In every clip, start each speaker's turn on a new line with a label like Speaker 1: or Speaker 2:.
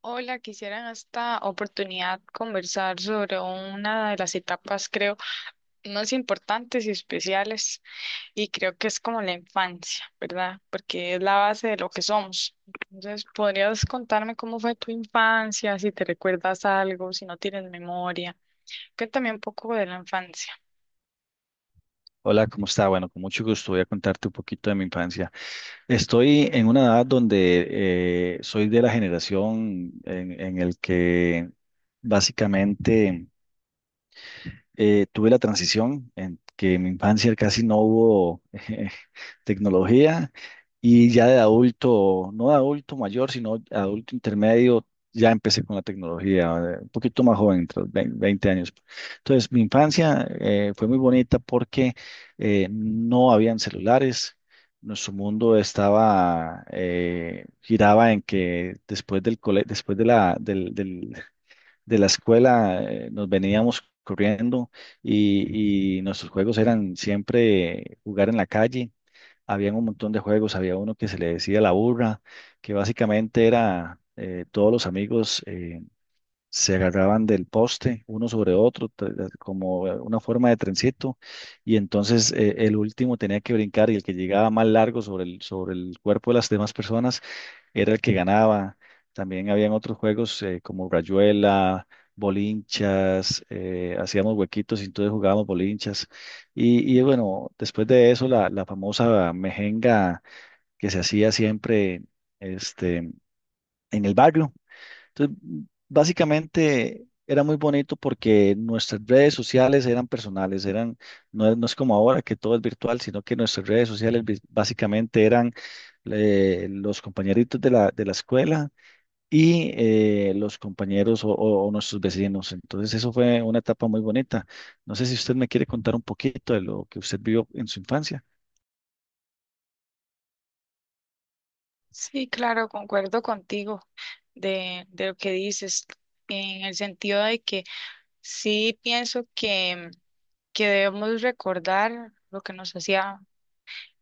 Speaker 1: Hola, quisiera en esta oportunidad conversar sobre una de las etapas, creo, más importantes y especiales, y creo que es como la infancia, ¿verdad? Porque es la base de lo que somos. Entonces, ¿podrías contarme cómo fue tu infancia, si te recuerdas algo, si no tienes memoria? Cuéntame un poco de la infancia.
Speaker 2: Hola, ¿cómo está? Bueno, con mucho gusto voy a contarte un poquito de mi infancia. Estoy en una edad donde soy de la generación en el que básicamente, tuve la transición en que en mi infancia casi no hubo eh, tecnología, y ya de adulto, no de adulto mayor, sino adulto intermedio, ya empecé con la tecnología, un poquito más joven, entre los 20 años. Entonces, mi infancia fue muy bonita porque no habían celulares. Nuestro mundo giraba en que después después de la escuela, nos veníamos corriendo, y nuestros juegos eran siempre jugar en la calle. Habían un montón de juegos, había uno que se le decía la burra, que básicamente era, todos los amigos se agarraban del poste uno sobre otro, como una forma de trencito, y entonces el último tenía que brincar, y el que llegaba más largo sobre el cuerpo de las demás personas era el que ganaba. También habían otros juegos, como Rayuela, bolinchas, hacíamos huequitos, y entonces jugábamos bolinchas. Y bueno, después de eso, la famosa mejenga que se hacía siempre, este, en el barrio. Entonces, básicamente era muy bonito porque nuestras redes sociales eran personales, no es como ahora que todo es virtual, sino que nuestras redes sociales básicamente eran, los compañeritos de la escuela, y los compañeros o nuestros vecinos. Entonces, eso fue una etapa muy bonita. No sé si usted me quiere contar un poquito de lo que usted vivió en su infancia.
Speaker 1: Sí, claro, concuerdo contigo de lo que dices, en el sentido de que sí, pienso que debemos recordar lo que nos hacía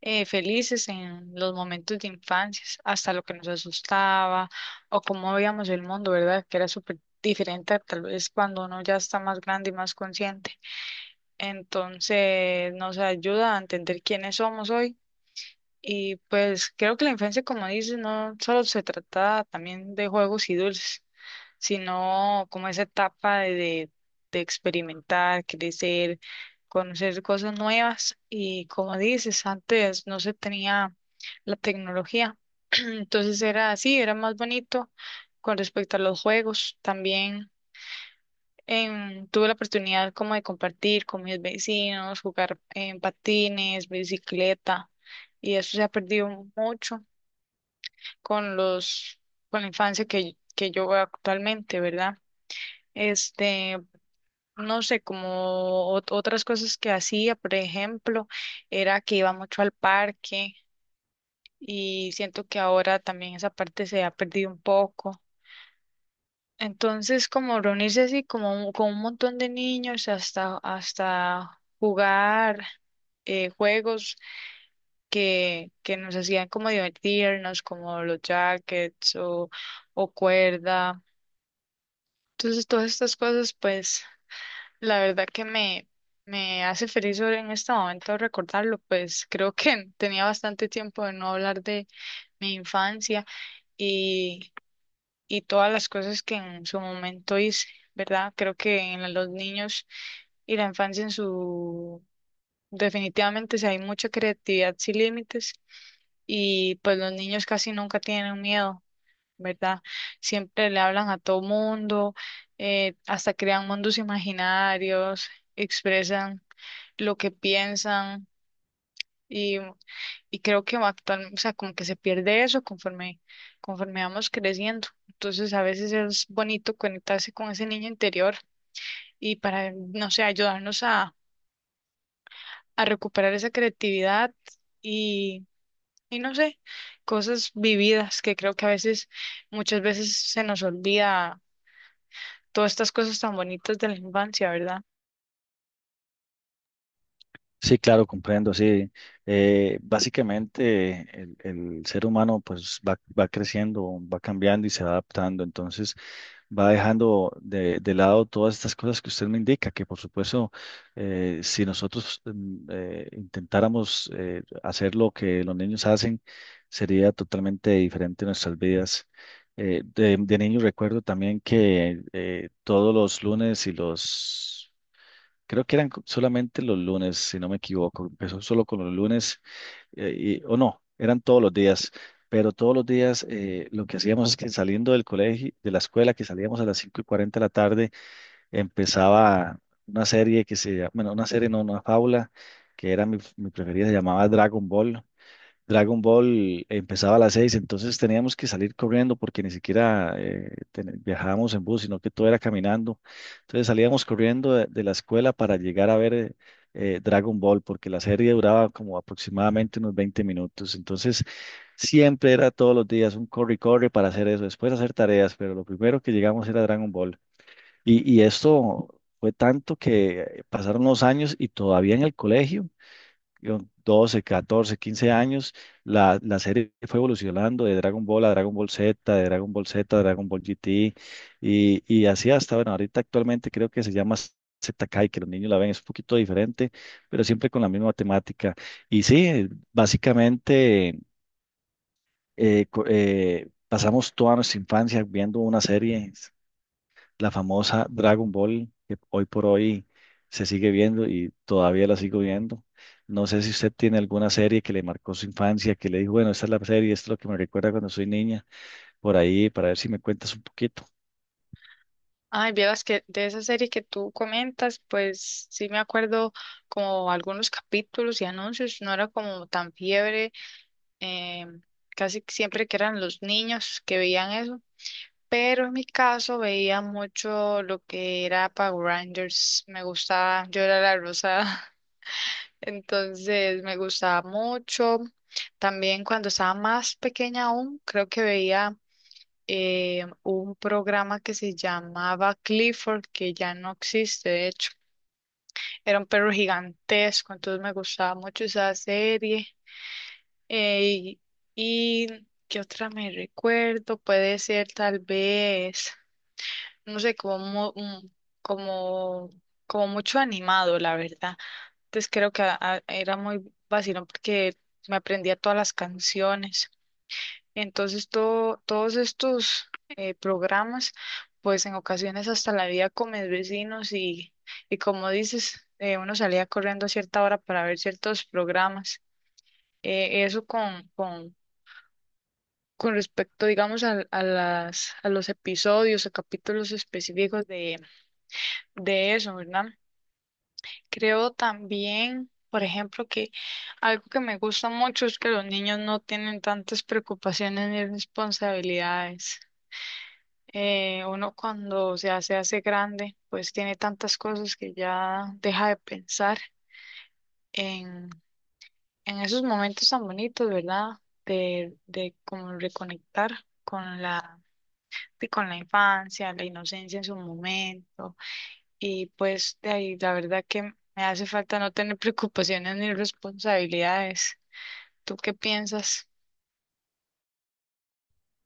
Speaker 1: felices en los momentos de infancia, hasta lo que nos asustaba o cómo veíamos el mundo, ¿verdad? Que era súper diferente a tal vez cuando uno ya está más grande y más consciente. Entonces nos ayuda a entender quiénes somos hoy. Y pues creo que la infancia, como dices, no solo se trata también de juegos y dulces, sino como esa etapa de experimentar, crecer, conocer cosas nuevas. Y como dices, antes no se tenía la tecnología. Entonces era así, era más bonito con respecto a los juegos también. Tuve la oportunidad como de compartir con mis vecinos, jugar en patines, bicicleta, y eso se ha perdido mucho con los, con la infancia que yo veo actualmente, ¿verdad? Este, no sé, como otras cosas que hacía, por ejemplo, era que iba mucho al parque y siento que ahora también esa parte se ha perdido un poco. Entonces, como reunirse así, como con un montón de niños, hasta jugar juegos que nos hacían como divertirnos, como los jackets o cuerda. Entonces, todas estas cosas, pues, la verdad que me hace feliz ahora en este momento recordarlo, pues creo que tenía bastante tiempo de no hablar de mi infancia y todas las cosas que en su momento hice, ¿verdad? Creo que en los niños y la infancia en su... Definitivamente, si hay mucha creatividad sin límites y pues los niños casi nunca tienen miedo, ¿verdad? Siempre le hablan a todo mundo, hasta crean mundos imaginarios, expresan lo que piensan y creo que va actual, o sea, como que se pierde eso conforme vamos creciendo. Entonces, a veces es bonito conectarse con ese niño interior y para, no sé, ayudarnos a recuperar esa creatividad y, y no sé, cosas vividas que creo que muchas veces se nos olvida todas estas cosas tan bonitas de la infancia, ¿verdad?
Speaker 2: Sí, claro, comprendo, sí. Básicamente, el ser humano pues va creciendo, va cambiando y se va adaptando. Entonces, va dejando de lado todas estas cosas que usted me indica, que por supuesto, si nosotros intentáramos hacer lo que los niños hacen, sería totalmente diferente nuestras vidas. De niño recuerdo también que todos los lunes. Creo que eran solamente los lunes, si no me equivoco. Empezó solo con los lunes o no, eran todos los días, pero todos los días lo que hacíamos es que saliendo del colegio, de la escuela, que salíamos a las 5:40 de la tarde, empezaba una serie que bueno, una serie, no, una fábula, que era mi preferida, se llamaba Dragon Ball. Dragon Ball empezaba a las seis, entonces teníamos que salir corriendo porque ni siquiera viajábamos en bus, sino que todo era caminando. Entonces salíamos corriendo de la escuela para llegar a ver Dragon Ball, porque la serie duraba como aproximadamente unos 20 minutos. Entonces siempre era todos los días un corre y corre para hacer eso, después hacer tareas, pero lo primero que llegamos era Dragon Ball. Y esto fue tanto que pasaron los años, y todavía en el colegio yo, 12, 14, 15 años, la serie fue evolucionando de Dragon Ball a Dragon Ball Z, de Dragon Ball Z a Dragon Ball GT, y así hasta, bueno, ahorita actualmente creo que se llama ZKai, que los niños la ven, es un poquito diferente, pero siempre con la misma temática. Y sí, básicamente pasamos toda nuestra infancia viendo una serie, la famosa Dragon Ball, que hoy por hoy se sigue viendo y todavía la sigo viendo. No sé si usted tiene alguna serie que le marcó su infancia, que le dijo, bueno, esta es la serie, esto es lo que me recuerda cuando soy niña, por ahí, para ver si me cuentas un poquito.
Speaker 1: Ay, vieras que de esa serie que tú comentas, pues sí me acuerdo como algunos capítulos y anuncios, no era como tan fiebre, eh, casi siempre que eran los niños que veían eso, pero en mi caso veía mucho lo que era Power Rangers, me gustaba, yo era la rosada, entonces me gustaba mucho. También cuando estaba más pequeña aún, creo que veía un programa que se llamaba Clifford, que ya no existe, de hecho, era un perro gigantesco, entonces me gustaba mucho esa serie. Eh, y qué otra me recuerdo, puede ser tal vez, no sé, como, como, como mucho animado, la verdad. Entonces creo que era muy vacilón porque me aprendía todas las canciones. Entonces todos estos programas, pues en ocasiones hasta la vida con mis vecinos y como dices, uno salía corriendo a cierta hora para ver ciertos programas, eso con respecto, digamos, a las, a los episodios o capítulos específicos de eso, ¿verdad? Creo también, por ejemplo, que algo que me gusta mucho es que los niños no tienen tantas preocupaciones ni responsabilidades. Uno cuando ya se hace grande, pues tiene tantas cosas que ya deja de pensar en, en esos momentos tan bonitos, ¿verdad? De como reconectar con la y con la infancia, la inocencia en su momento. Y pues de ahí la verdad que me hace falta no tener preocupaciones ni responsabilidades. ¿Tú qué piensas?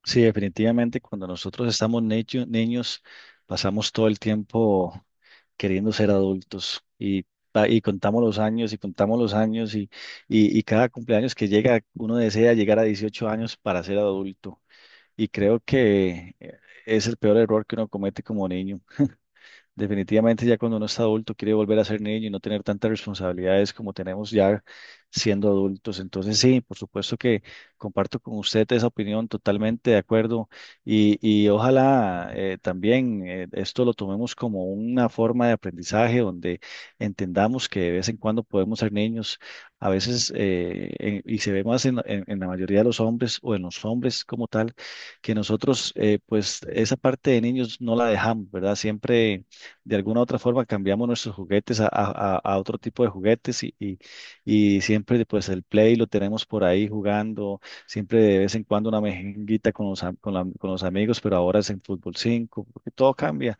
Speaker 2: Sí, definitivamente, cuando nosotros estamos niños, pasamos todo el tiempo queriendo ser adultos y contamos los años y contamos los años, y cada cumpleaños que llega, uno desea llegar a 18 años para ser adulto. Y creo que es el peor error que uno comete como niño. Definitivamente ya cuando uno es adulto quiere volver a ser niño y no tener tantas responsabilidades como tenemos ya siendo adultos. Entonces sí, por supuesto que comparto con usted esa opinión, totalmente de acuerdo, y ojalá también esto lo tomemos como una forma de aprendizaje donde entendamos que de vez en cuando podemos ser niños. A veces y se ve más en la mayoría de los hombres o en los hombres como tal, que nosotros pues esa parte de niños no la dejamos, ¿verdad? Siempre, de alguna u otra forma, cambiamos nuestros juguetes a otro tipo de juguetes, y siempre pues el Play lo tenemos por ahí jugando, siempre de vez en cuando una mejenguita con los, am- con la- con los amigos, pero ahora es en Fútbol 5 porque todo cambia.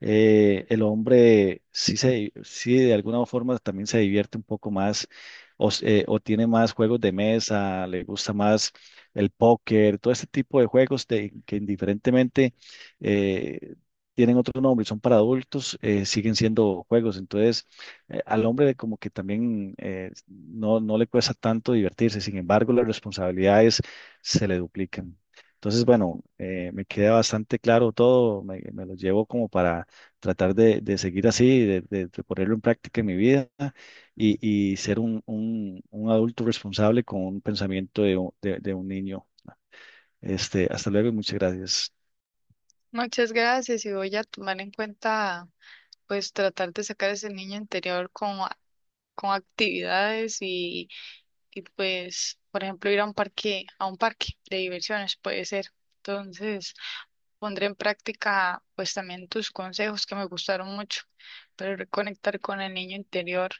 Speaker 2: El hombre sí de alguna forma también se divierte un poco más, o tiene más juegos de mesa, le gusta más el póker, todo este tipo de juegos que indiferentemente eh, tienen otro nombre y son para adultos, siguen siendo juegos. Entonces, al hombre como que también no, no le cuesta tanto divertirse, sin embargo, las responsabilidades se le duplican. Entonces, bueno, me queda bastante claro todo, me lo llevo como para tratar de seguir así, de ponerlo en práctica en mi vida, y, y ser un adulto responsable con un pensamiento de un niño. Hasta luego y muchas gracias.
Speaker 1: Muchas gracias y voy a tomar en cuenta pues tratar de sacar ese niño interior con actividades y pues por ejemplo ir a un parque de diversiones puede ser. Entonces pondré en práctica pues también tus consejos que me gustaron mucho, pero reconectar con el niño interior.